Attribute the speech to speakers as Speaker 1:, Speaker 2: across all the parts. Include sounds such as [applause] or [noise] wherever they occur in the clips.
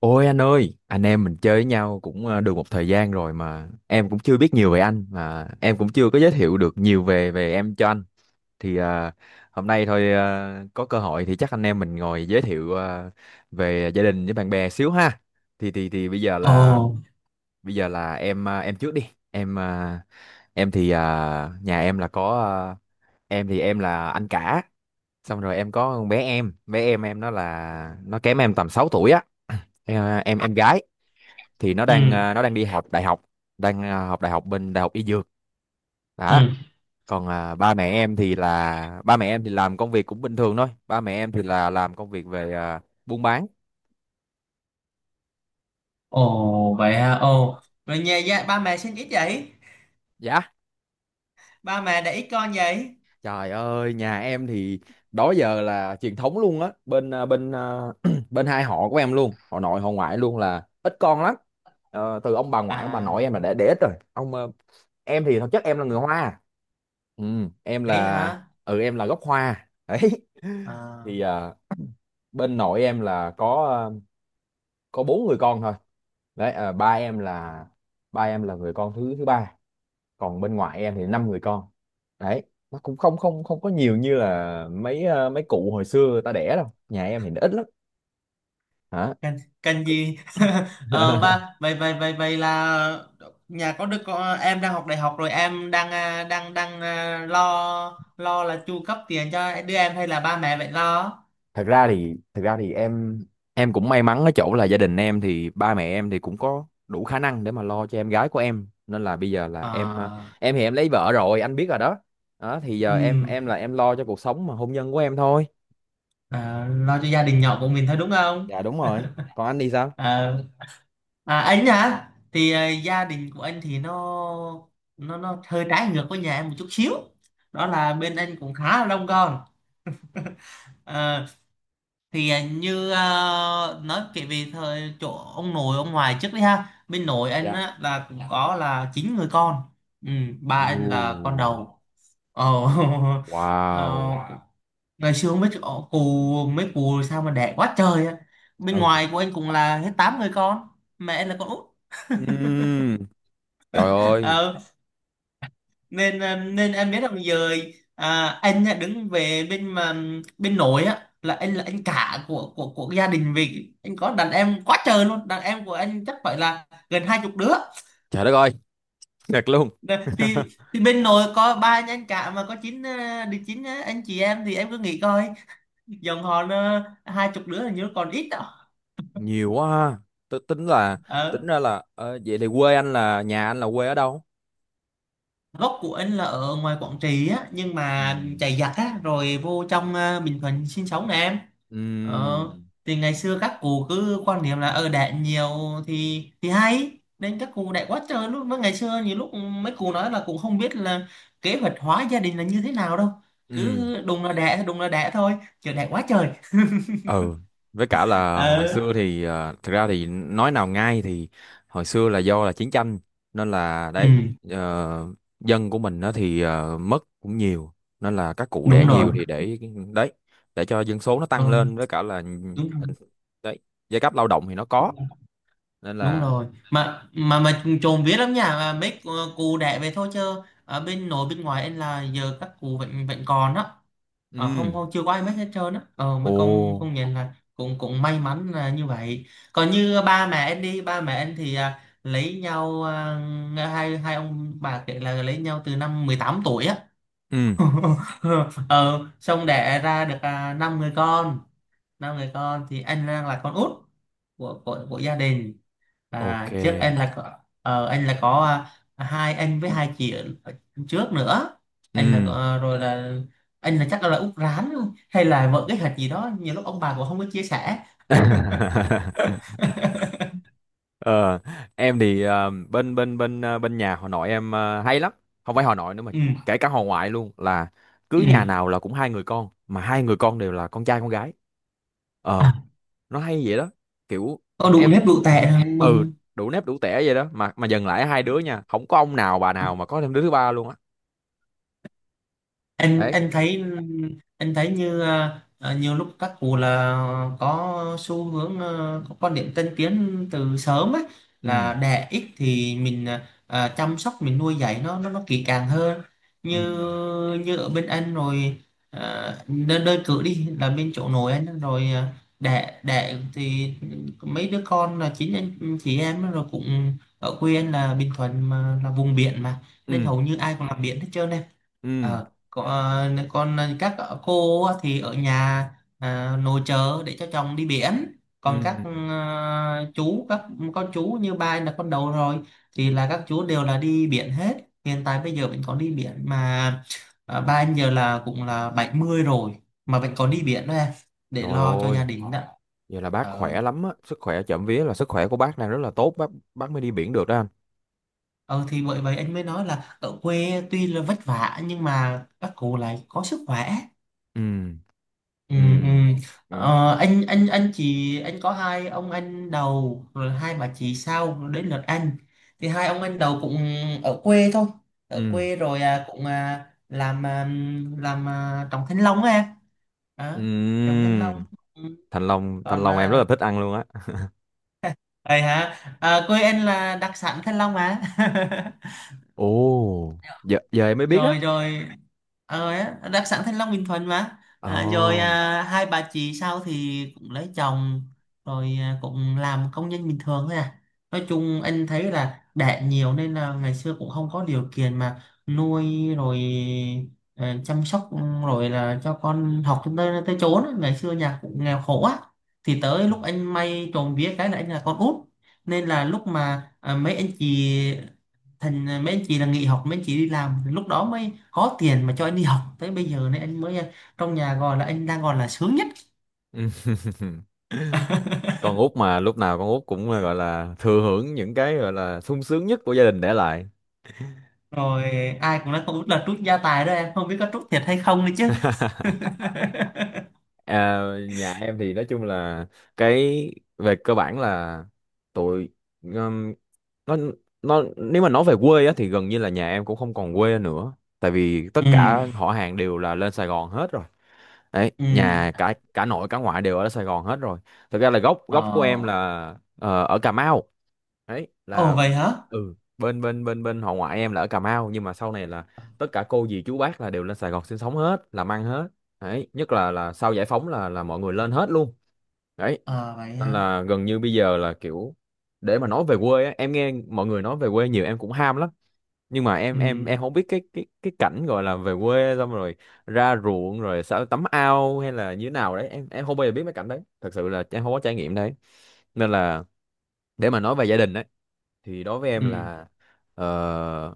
Speaker 1: Ôi anh ơi, anh em mình chơi với nhau cũng được một thời gian rồi mà em cũng chưa biết nhiều về anh mà em cũng chưa có giới thiệu được nhiều về về em cho anh. Thì, hôm nay thôi, có cơ hội thì chắc anh em mình ngồi giới thiệu về gia đình với bạn bè xíu ha. Thì bây giờ là
Speaker 2: Ồ,
Speaker 1: bây giờ là em, em trước đi. Em, em thì, nhà em là có, em thì em là anh cả. Xong rồi em có con bé em, bé em nó kém em tầm 6 tuổi á. Em, em gái thì nó
Speaker 2: ừ,
Speaker 1: đang, nó đang đi học đại học, đang, học đại học bên đại học y dược đó.
Speaker 2: ừ,
Speaker 1: Còn, ba mẹ em thì là ba mẹ em thì làm công việc cũng bình thường thôi, ba mẹ em thì là làm công việc về, buôn bán.
Speaker 2: ồ vậy ha, ồ. Rồi ba mẹ sinh ít vậy?
Speaker 1: Dạ.
Speaker 2: Ba mẹ để ít con vậy?
Speaker 1: Trời ơi, nhà em thì đó giờ là truyền thống luôn á, bên, [clears throat] bên hai họ của em luôn, họ nội họ ngoại luôn là ít con lắm. Ờ, từ ông bà ngoại ông bà nội em là
Speaker 2: À,
Speaker 1: để ít rồi. Em thì thực chất em là người Hoa. Ừ, em
Speaker 2: ấy
Speaker 1: là,
Speaker 2: hả?
Speaker 1: ừ em là gốc Hoa. Đấy. [laughs]
Speaker 2: À,
Speaker 1: Thì, bên nội em là có, à, có bốn người con thôi. Đấy, ba em là người con thứ thứ ba, còn bên ngoại em thì năm người con. Đấy, nó cũng không không không có nhiều như là mấy, mấy cụ hồi xưa người ta đẻ đâu, nhà em thì nó ít lắm, hả?
Speaker 2: cần gì? [laughs] ờ, ba,
Speaker 1: [laughs]
Speaker 2: vậy, vậy, vậy, vậy là nhà có đứa con, em đang học đại học rồi em đang lo là chu cấp tiền cho đứa em hay là ba mẹ vậy lo?
Speaker 1: Thật ra thì em cũng may mắn ở chỗ là gia đình em thì ba mẹ em thì cũng có đủ khả năng để mà lo cho em gái của em, nên là bây giờ là em,
Speaker 2: À,
Speaker 1: em thì em lấy vợ rồi anh biết rồi đó. Đó thì
Speaker 2: ừ,
Speaker 1: giờ em là em lo cho cuộc sống mà hôn nhân của em thôi.
Speaker 2: lo cho gia đình nhỏ của mình thôi đúng không?
Speaker 1: Dạ đúng rồi. Còn anh thì
Speaker 2: [laughs]
Speaker 1: sao?
Speaker 2: Ờ. À, anh hả? Thì gia đình của anh thì nó hơi trái ngược với nhà em một chút xíu. Đó là bên anh cũng khá là đông con. Ờ, thì như kể về thời chỗ ông nội ông ngoại trước đi ha. Bên nội anh
Speaker 1: Dạ.
Speaker 2: á, là cũng có là chín người con. Ừ, ba
Speaker 1: Ồ,
Speaker 2: anh là con đầu. Ồ. [laughs] ờ,
Speaker 1: wow.
Speaker 2: Ngày xưa không biết chỗ- cụ mấy cụ sao mà đẻ quá trời á. Bên
Speaker 1: Ừ.
Speaker 2: ngoài của anh cũng là hết tám người con. Mẹ anh là con út.
Speaker 1: Ừm, trời ơi,
Speaker 2: [laughs] Nên em biết rằng giờ anh á, đứng về bên mà bên nội á là anh cả của gia đình, vì anh có đàn em quá trời luôn, đàn em của anh chắc phải là gần 20 đứa.
Speaker 1: trời đất ơi, [laughs] thiệt luôn,
Speaker 2: Nè, thì bên nội có ba anh cả mà có chín anh chị em, thì em cứ nghĩ coi, dòng họ nó 20 đứa là như còn ít đó.
Speaker 1: nhiều quá ha. Tôi tính là,
Speaker 2: Ở
Speaker 1: tính ra là, vậy thì quê anh là nhà anh là quê ở đâu?
Speaker 2: gốc của anh là ở ngoài Quảng Trị á, nhưng mà
Speaker 1: Ừm,
Speaker 2: chạy giặc á rồi vô trong Bình Thuận sinh sống nè em. Ờ,
Speaker 1: ừm,
Speaker 2: thì ngày xưa các cụ cứ quan niệm là ở đẻ nhiều thì hay, nên các cụ đẻ quá trời. Lúc mới ngày xưa nhiều lúc mấy cụ nói là cũng không biết là kế hoạch hóa gia đình là như thế nào đâu,
Speaker 1: ừm,
Speaker 2: cứ đùng là đẻ, đùng là đẻ thôi, chờ đẻ quá trời.
Speaker 1: ừ, với cả là hồi
Speaker 2: ờ
Speaker 1: xưa thì, thực ra thì nói nào ngay thì hồi xưa là do là chiến tranh nên là
Speaker 2: ừ,
Speaker 1: đấy, ờ, dân của mình đó thì, mất cũng nhiều nên là các cụ đẻ
Speaker 2: đúng rồi,
Speaker 1: nhiều thì để, đấy, để cho dân số nó tăng lên
Speaker 2: ừ,
Speaker 1: với cả là,
Speaker 2: đúng rồi,
Speaker 1: đấy, giai cấp lao động thì nó có, nên
Speaker 2: đúng
Speaker 1: là
Speaker 2: rồi, mà chồn vía lắm nha, mà mấy cụ đẻ về thôi, chứ ở bên nội bên ngoài em là giờ các cụ vẫn vẫn còn đó. Ờ, không,
Speaker 1: ừ,
Speaker 2: không chưa có ai mất hết trơn á. Ờ
Speaker 1: ồ,
Speaker 2: Mấy con nhìn là cũng cũng may mắn là như vậy. Còn như ba mẹ anh, đi ba mẹ anh thì lấy nhau, hai hai ông bà kể là lấy nhau từ năm 18 tuổi á.
Speaker 1: ừ,
Speaker 2: [laughs] Ờ Xong đẻ ra được năm người con thì anh đang là con út của gia đình.
Speaker 1: ok,
Speaker 2: À, trước anh là có hai anh với hai chị ở ở trước nữa. Anh là có-
Speaker 1: ừ.
Speaker 2: ờ, Rồi là anh là chắc là út rán hay là vợ cái hạt gì đó, nhiều lúc ông bà cũng không có chia sẻ.
Speaker 1: [laughs] Ờ, em thì, bên bên bên ờ, bên nhà họ nội em, hay lắm, không phải họ nội nữa mà
Speaker 2: Ừ,
Speaker 1: kể cả họ ngoại luôn là cứ
Speaker 2: ừ.
Speaker 1: nhà nào là cũng hai người con mà hai người con đều là con trai con gái.
Speaker 2: À,
Speaker 1: Ờ, nó hay vậy đó, kiểu
Speaker 2: có đủ
Speaker 1: em,
Speaker 2: nếp đủ tệ rồi
Speaker 1: ừ,
Speaker 2: mừng.
Speaker 1: đủ nếp đủ tẻ vậy đó, mà dần lại hai đứa nha, không có ông nào bà nào mà có thêm đứa thứ ba luôn á.
Speaker 2: anh
Speaker 1: Đấy.
Speaker 2: anh thấy anh thấy như nhiều lúc các cụ là có xu hướng, có quan điểm tân tiến từ sớm ấy,
Speaker 1: Ừ,
Speaker 2: là đẻ ít thì mình chăm sóc, mình nuôi dạy nó nó kỹ càng hơn.
Speaker 1: ừ,
Speaker 2: Như như ở bên anh rồi, đơn đơn cử đi là bên chỗ nội anh ấy, rồi đẻ đẻ thì mấy đứa con là chính anh chị em ấy, rồi cũng ở quê anh là Bình Thuận mà là vùng biển mà.
Speaker 1: ừ,
Speaker 2: Nên hầu như ai cũng làm biển hết trơn em.
Speaker 1: ừ,
Speaker 2: Ờ, còn các cô á thì ở nhà, nội trợ để cho chồng đi biển. Còn các
Speaker 1: ừ,
Speaker 2: chú, các con chú như ba anh là con đầu rồi thì là các chú đều là đi biển hết. Hiện tại bây giờ vẫn còn đi biển mà. Ba anh giờ là cũng là 70 rồi mà vẫn còn
Speaker 1: ừ.
Speaker 2: đi biển đó em, để
Speaker 1: Trời
Speaker 2: lo cho gia
Speaker 1: ơi,
Speaker 2: đình đó.
Speaker 1: vậy là bác
Speaker 2: ờ
Speaker 1: khỏe lắm á, sức khỏe trộm vía là sức khỏe của bác đang rất là tốt, bác mới đi biển được đó anh.
Speaker 2: ờ thì bởi vậy anh mới nói là ở quê tuy là vất vả nhưng mà các cụ lại có sức khỏe.
Speaker 1: Ừm,
Speaker 2: Ừ, ừ.
Speaker 1: ừm, ừm,
Speaker 2: Anh chị anh có hai ông anh đầu rồi hai bà chị sau, đến lượt anh thì hai ông anh đầu cũng ở quê thôi, ở
Speaker 1: ừm,
Speaker 2: quê rồi làm à, trồng thanh long á à, Trồng thanh
Speaker 1: ừm.
Speaker 2: long. Ừ.
Speaker 1: Thanh Long, Thanh
Speaker 2: Còn
Speaker 1: Long em rất là thích ăn luôn á.
Speaker 2: ấy hả? Quê anh là đặc sản thanh long mà. [laughs]
Speaker 1: Ồ, giờ giờ em mới biết á.
Speaker 2: Rồi, rồi. Đặc sản Thanh Long Bình Thuận mà. Rồi
Speaker 1: Ồ.
Speaker 2: hai bà chị sau thì cũng lấy chồng, rồi cũng làm công nhân bình thường thôi à. Nói chung anh thấy là đẻ nhiều nên là ngày xưa cũng không có điều kiện mà nuôi, rồi chăm sóc, rồi là cho con học cho tới tới chốn á. Ngày xưa nhà cũng nghèo khổ á, thì tới lúc anh may, trộm vía cái là anh là con út, nên là lúc mà mấy anh chị, thành ra mấy anh chị là nghỉ học, mấy anh chị đi làm, lúc đó mới có tiền mà cho anh đi học tới bây giờ này anh mới, trong nhà gọi là anh đang gọi là sướng nhất.
Speaker 1: Ừ. [laughs] Con út mà lúc nào con út cũng gọi là thừa hưởng những cái gọi là sung sướng nhất của gia đình để lại.
Speaker 2: Rồi, ai cũng nói không biết là trút gia tài đó em, không biết có trút thiệt hay không nữa chứ. [laughs]
Speaker 1: À, nhà em thì nói chung là cái, về cơ bản là tụi, um, nó nó nếu mà nói về quê á thì gần như là nhà em cũng không còn quê nữa. Tại vì tất
Speaker 2: Ừ,
Speaker 1: cả họ hàng đều là lên Sài Gòn hết rồi. Đấy,
Speaker 2: ừ.
Speaker 1: nhà cả cả nội cả ngoại đều ở Sài Gòn hết rồi. Thực ra là gốc gốc của em
Speaker 2: Ờ.
Speaker 1: là, ở Cà Mau. Đấy
Speaker 2: Ồ
Speaker 1: là,
Speaker 2: vậy hả.
Speaker 1: ừ, bên bên bên bên họ ngoại em là ở Cà Mau nhưng mà sau này là tất cả cô dì chú bác là đều lên Sài Gòn sinh sống hết, làm ăn hết. Đấy, nhất là sau giải phóng là mọi người lên hết luôn. Đấy,
Speaker 2: Ờ vậy
Speaker 1: nên
Speaker 2: hả.
Speaker 1: là gần như bây giờ là kiểu để mà nói về quê á, em nghe mọi người nói về quê nhiều em cũng ham lắm, nhưng mà em, em
Speaker 2: Ừ,
Speaker 1: em không biết cái, cái cảnh gọi là về quê xong rồi ra ruộng rồi sao tắm ao hay là như thế nào đấy, em không bao giờ biết mấy cảnh đấy, thật sự là em không có trải nghiệm đấy, nên là để mà nói về gia đình đấy thì đối với em
Speaker 2: ừ.
Speaker 1: là, ờ,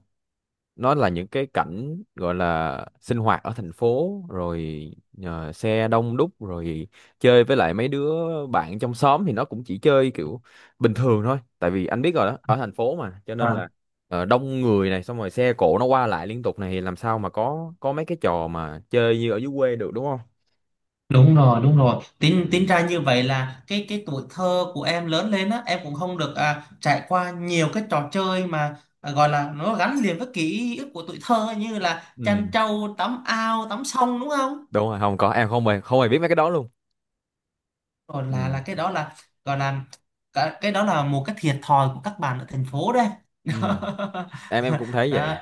Speaker 1: nó là những cái cảnh gọi là sinh hoạt ở thành phố rồi, xe đông đúc rồi chơi với lại mấy đứa bạn trong xóm thì nó cũng chỉ chơi kiểu bình thường thôi, tại vì anh biết rồi đó, ở thành phố mà cho nên
Speaker 2: À.
Speaker 1: là, đông người này xong rồi xe cộ nó qua lại liên tục này thì làm sao mà có mấy cái trò mà chơi như ở dưới quê được đúng không?
Speaker 2: Đúng rồi, đúng rồi.
Speaker 1: Ừ.
Speaker 2: Tính tính ra như vậy là cái tuổi thơ của em lớn lên á, em cũng không được trải qua nhiều cái trò chơi mà gọi là nó gắn liền với ký ức của tuổi thơ như là chăn
Speaker 1: Ừ,
Speaker 2: trâu, tắm ao, tắm sông đúng không?
Speaker 1: đúng rồi, không có, em không hề biết mấy cái đó luôn.
Speaker 2: Rồi là
Speaker 1: Ừ,
Speaker 2: là cái đó là gọi là cái đó là một cái thiệt thòi của các bạn ở thành phố đấy. [laughs]
Speaker 1: ừ, em cũng thấy
Speaker 2: Đó.
Speaker 1: vậy.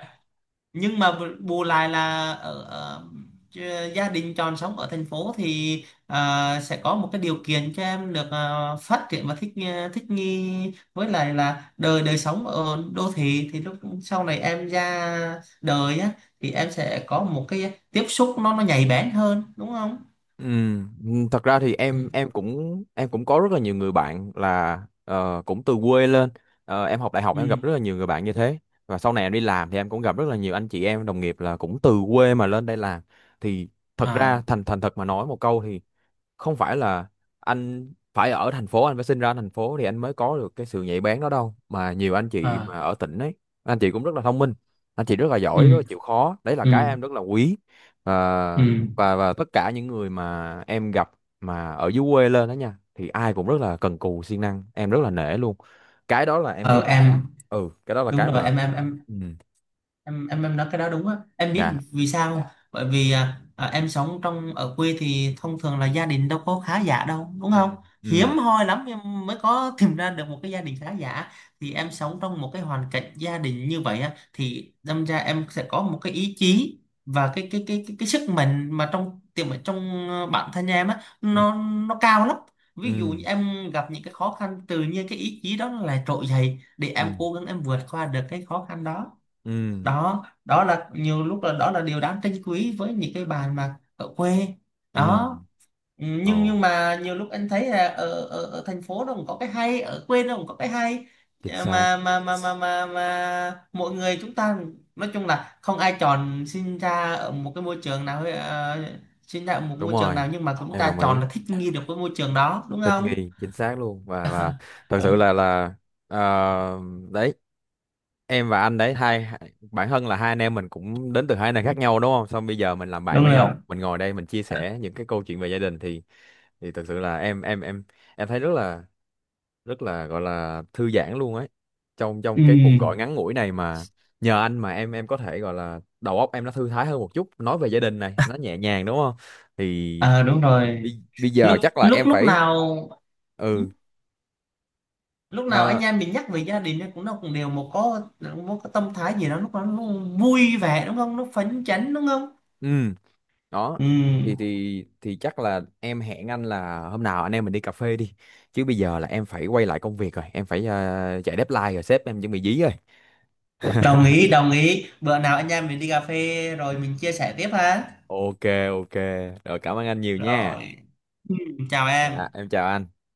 Speaker 2: Nhưng mà bù lại là ở chứ gia đình chọn sống ở thành phố thì sẽ có một cái điều kiện cho em được phát triển và thích nghi với lại là đời đời sống ở đô thị, thì lúc sau này em ra đời á thì em sẽ có một cái tiếp xúc nó nhạy bén hơn đúng không.
Speaker 1: Ừ, thật ra thì
Speaker 2: Ừ,
Speaker 1: em cũng có rất là nhiều người bạn là, cũng từ quê lên. Ờ, em học đại học em
Speaker 2: ừ.
Speaker 1: gặp rất là nhiều người bạn như thế, và sau này em đi làm thì em cũng gặp rất là nhiều anh chị em đồng nghiệp là cũng từ quê mà lên đây làm. Thì thật ra
Speaker 2: À,
Speaker 1: thành thành thật mà nói một câu, không phải là anh phải ở thành phố, anh phải sinh ra thành phố thì anh mới có được cái sự nhạy bén đó đâu, mà nhiều anh chị
Speaker 2: à.
Speaker 1: mà ở tỉnh ấy anh chị cũng rất là thông minh, anh chị rất là giỏi, rất
Speaker 2: Ừ,
Speaker 1: là chịu khó, đấy là
Speaker 2: ừ,
Speaker 1: cái em rất là quý.
Speaker 2: ừ.
Speaker 1: Và và và tất cả những người mà em gặp mà ở dưới quê lên đó nha thì ai cũng rất là cần cù siêng năng, em rất là nể luôn. Cái đó là em
Speaker 2: Ờ,
Speaker 1: nghĩ,
Speaker 2: em
Speaker 1: ừ, cái đó là
Speaker 2: đúng
Speaker 1: cái
Speaker 2: rồi.
Speaker 1: mà,
Speaker 2: em em em
Speaker 1: ừ,
Speaker 2: em em em nói cái đó đúng á. Em
Speaker 1: dạ,
Speaker 2: biết vì sao không? Dạ. Bởi vì em sống ở quê thì thông thường là gia đình đâu có khá giả đâu đúng
Speaker 1: ừ,
Speaker 2: không. Hiếm
Speaker 1: ừ,
Speaker 2: hoi lắm em mới có [laughs] tìm ra được một cái gia đình khá giả. Thì em sống trong một cái hoàn cảnh gia đình như vậy á thì đâm ra em sẽ có một cái ý chí và cái sức mạnh mà trong tiềm ở trong bản thân em á,
Speaker 1: ừ,
Speaker 2: nó cao lắm.
Speaker 1: ừ,
Speaker 2: Ví dụ như em gặp những cái khó khăn, tự nhiên cái ý chí đó nó lại trỗi dậy để
Speaker 1: ừ,
Speaker 2: em cố gắng, em vượt qua được cái khó khăn đó.
Speaker 1: ừ,
Speaker 2: Đó, đó là nhiều lúc, là đó là điều đáng trân quý với những cái bàn mà ở quê
Speaker 1: ừ,
Speaker 2: đó. Ừ,
Speaker 1: ồ,
Speaker 2: nhưng mà nhiều lúc anh thấy là ở thành phố nó cũng có cái hay, ở quê nó cũng có cái hay.
Speaker 1: chính
Speaker 2: À,
Speaker 1: xác.
Speaker 2: mà mọi người chúng ta nói chung là không ai chọn sinh ra ở một cái môi trường nào, sinh ra ở một
Speaker 1: Đúng
Speaker 2: môi trường
Speaker 1: rồi,
Speaker 2: nào, nhưng mà chúng
Speaker 1: em
Speaker 2: ta
Speaker 1: đồng ý.
Speaker 2: chọn là thích nghi được với môi trường đó đúng
Speaker 1: Thích
Speaker 2: không.
Speaker 1: nghi chính xác luôn. Và thật sự
Speaker 2: Đúng,
Speaker 1: là, ờ, đấy, em và anh đấy, hai hai- bản thân là hai anh em mình cũng đến từ hai nơi khác nhau đúng không, xong bây giờ mình làm bạn
Speaker 2: đúng
Speaker 1: với
Speaker 2: rồi.
Speaker 1: nhau mình ngồi đây mình chia sẻ những cái câu chuyện về gia đình, thì thật sự là em thấy rất là, gọi là thư giãn luôn ấy, trong trong
Speaker 2: Ừ.
Speaker 1: cái cuộc gọi ngắn ngủi này mà nhờ anh mà em có thể gọi là đầu óc em nó thư thái hơn một chút, nói về gia đình này nó nhẹ nhàng đúng không? Thì
Speaker 2: Đúng rồi.
Speaker 1: bây giờ
Speaker 2: Lúc
Speaker 1: chắc là
Speaker 2: lúc
Speaker 1: em
Speaker 2: Lúc
Speaker 1: phải,
Speaker 2: nào ừ,
Speaker 1: ừ,
Speaker 2: lúc nào
Speaker 1: ờ,
Speaker 2: anh em mình nhắc về gia đình ấy, cũng nó cũng đều một có một cái tâm thái gì đó, lúc đó nó vui vẻ đúng không, nó phấn chấn đúng không.
Speaker 1: ừ đó,
Speaker 2: Ừ,
Speaker 1: thì chắc là em hẹn anh là hôm nào anh em mình đi cà phê đi, chứ bây giờ là em phải quay lại công việc rồi, em phải, chạy deadline rồi, sếp em chuẩn bị dí rồi.
Speaker 2: đồng
Speaker 1: [laughs]
Speaker 2: ý, đồng ý. Bữa nào anh em mình đi cà phê rồi mình chia sẻ tiếp ha.
Speaker 1: Ok. Ok. Rồi cảm ơn anh nhiều nha.
Speaker 2: Rồi, ừ, chào
Speaker 1: Dạ
Speaker 2: em.
Speaker 1: em chào anh.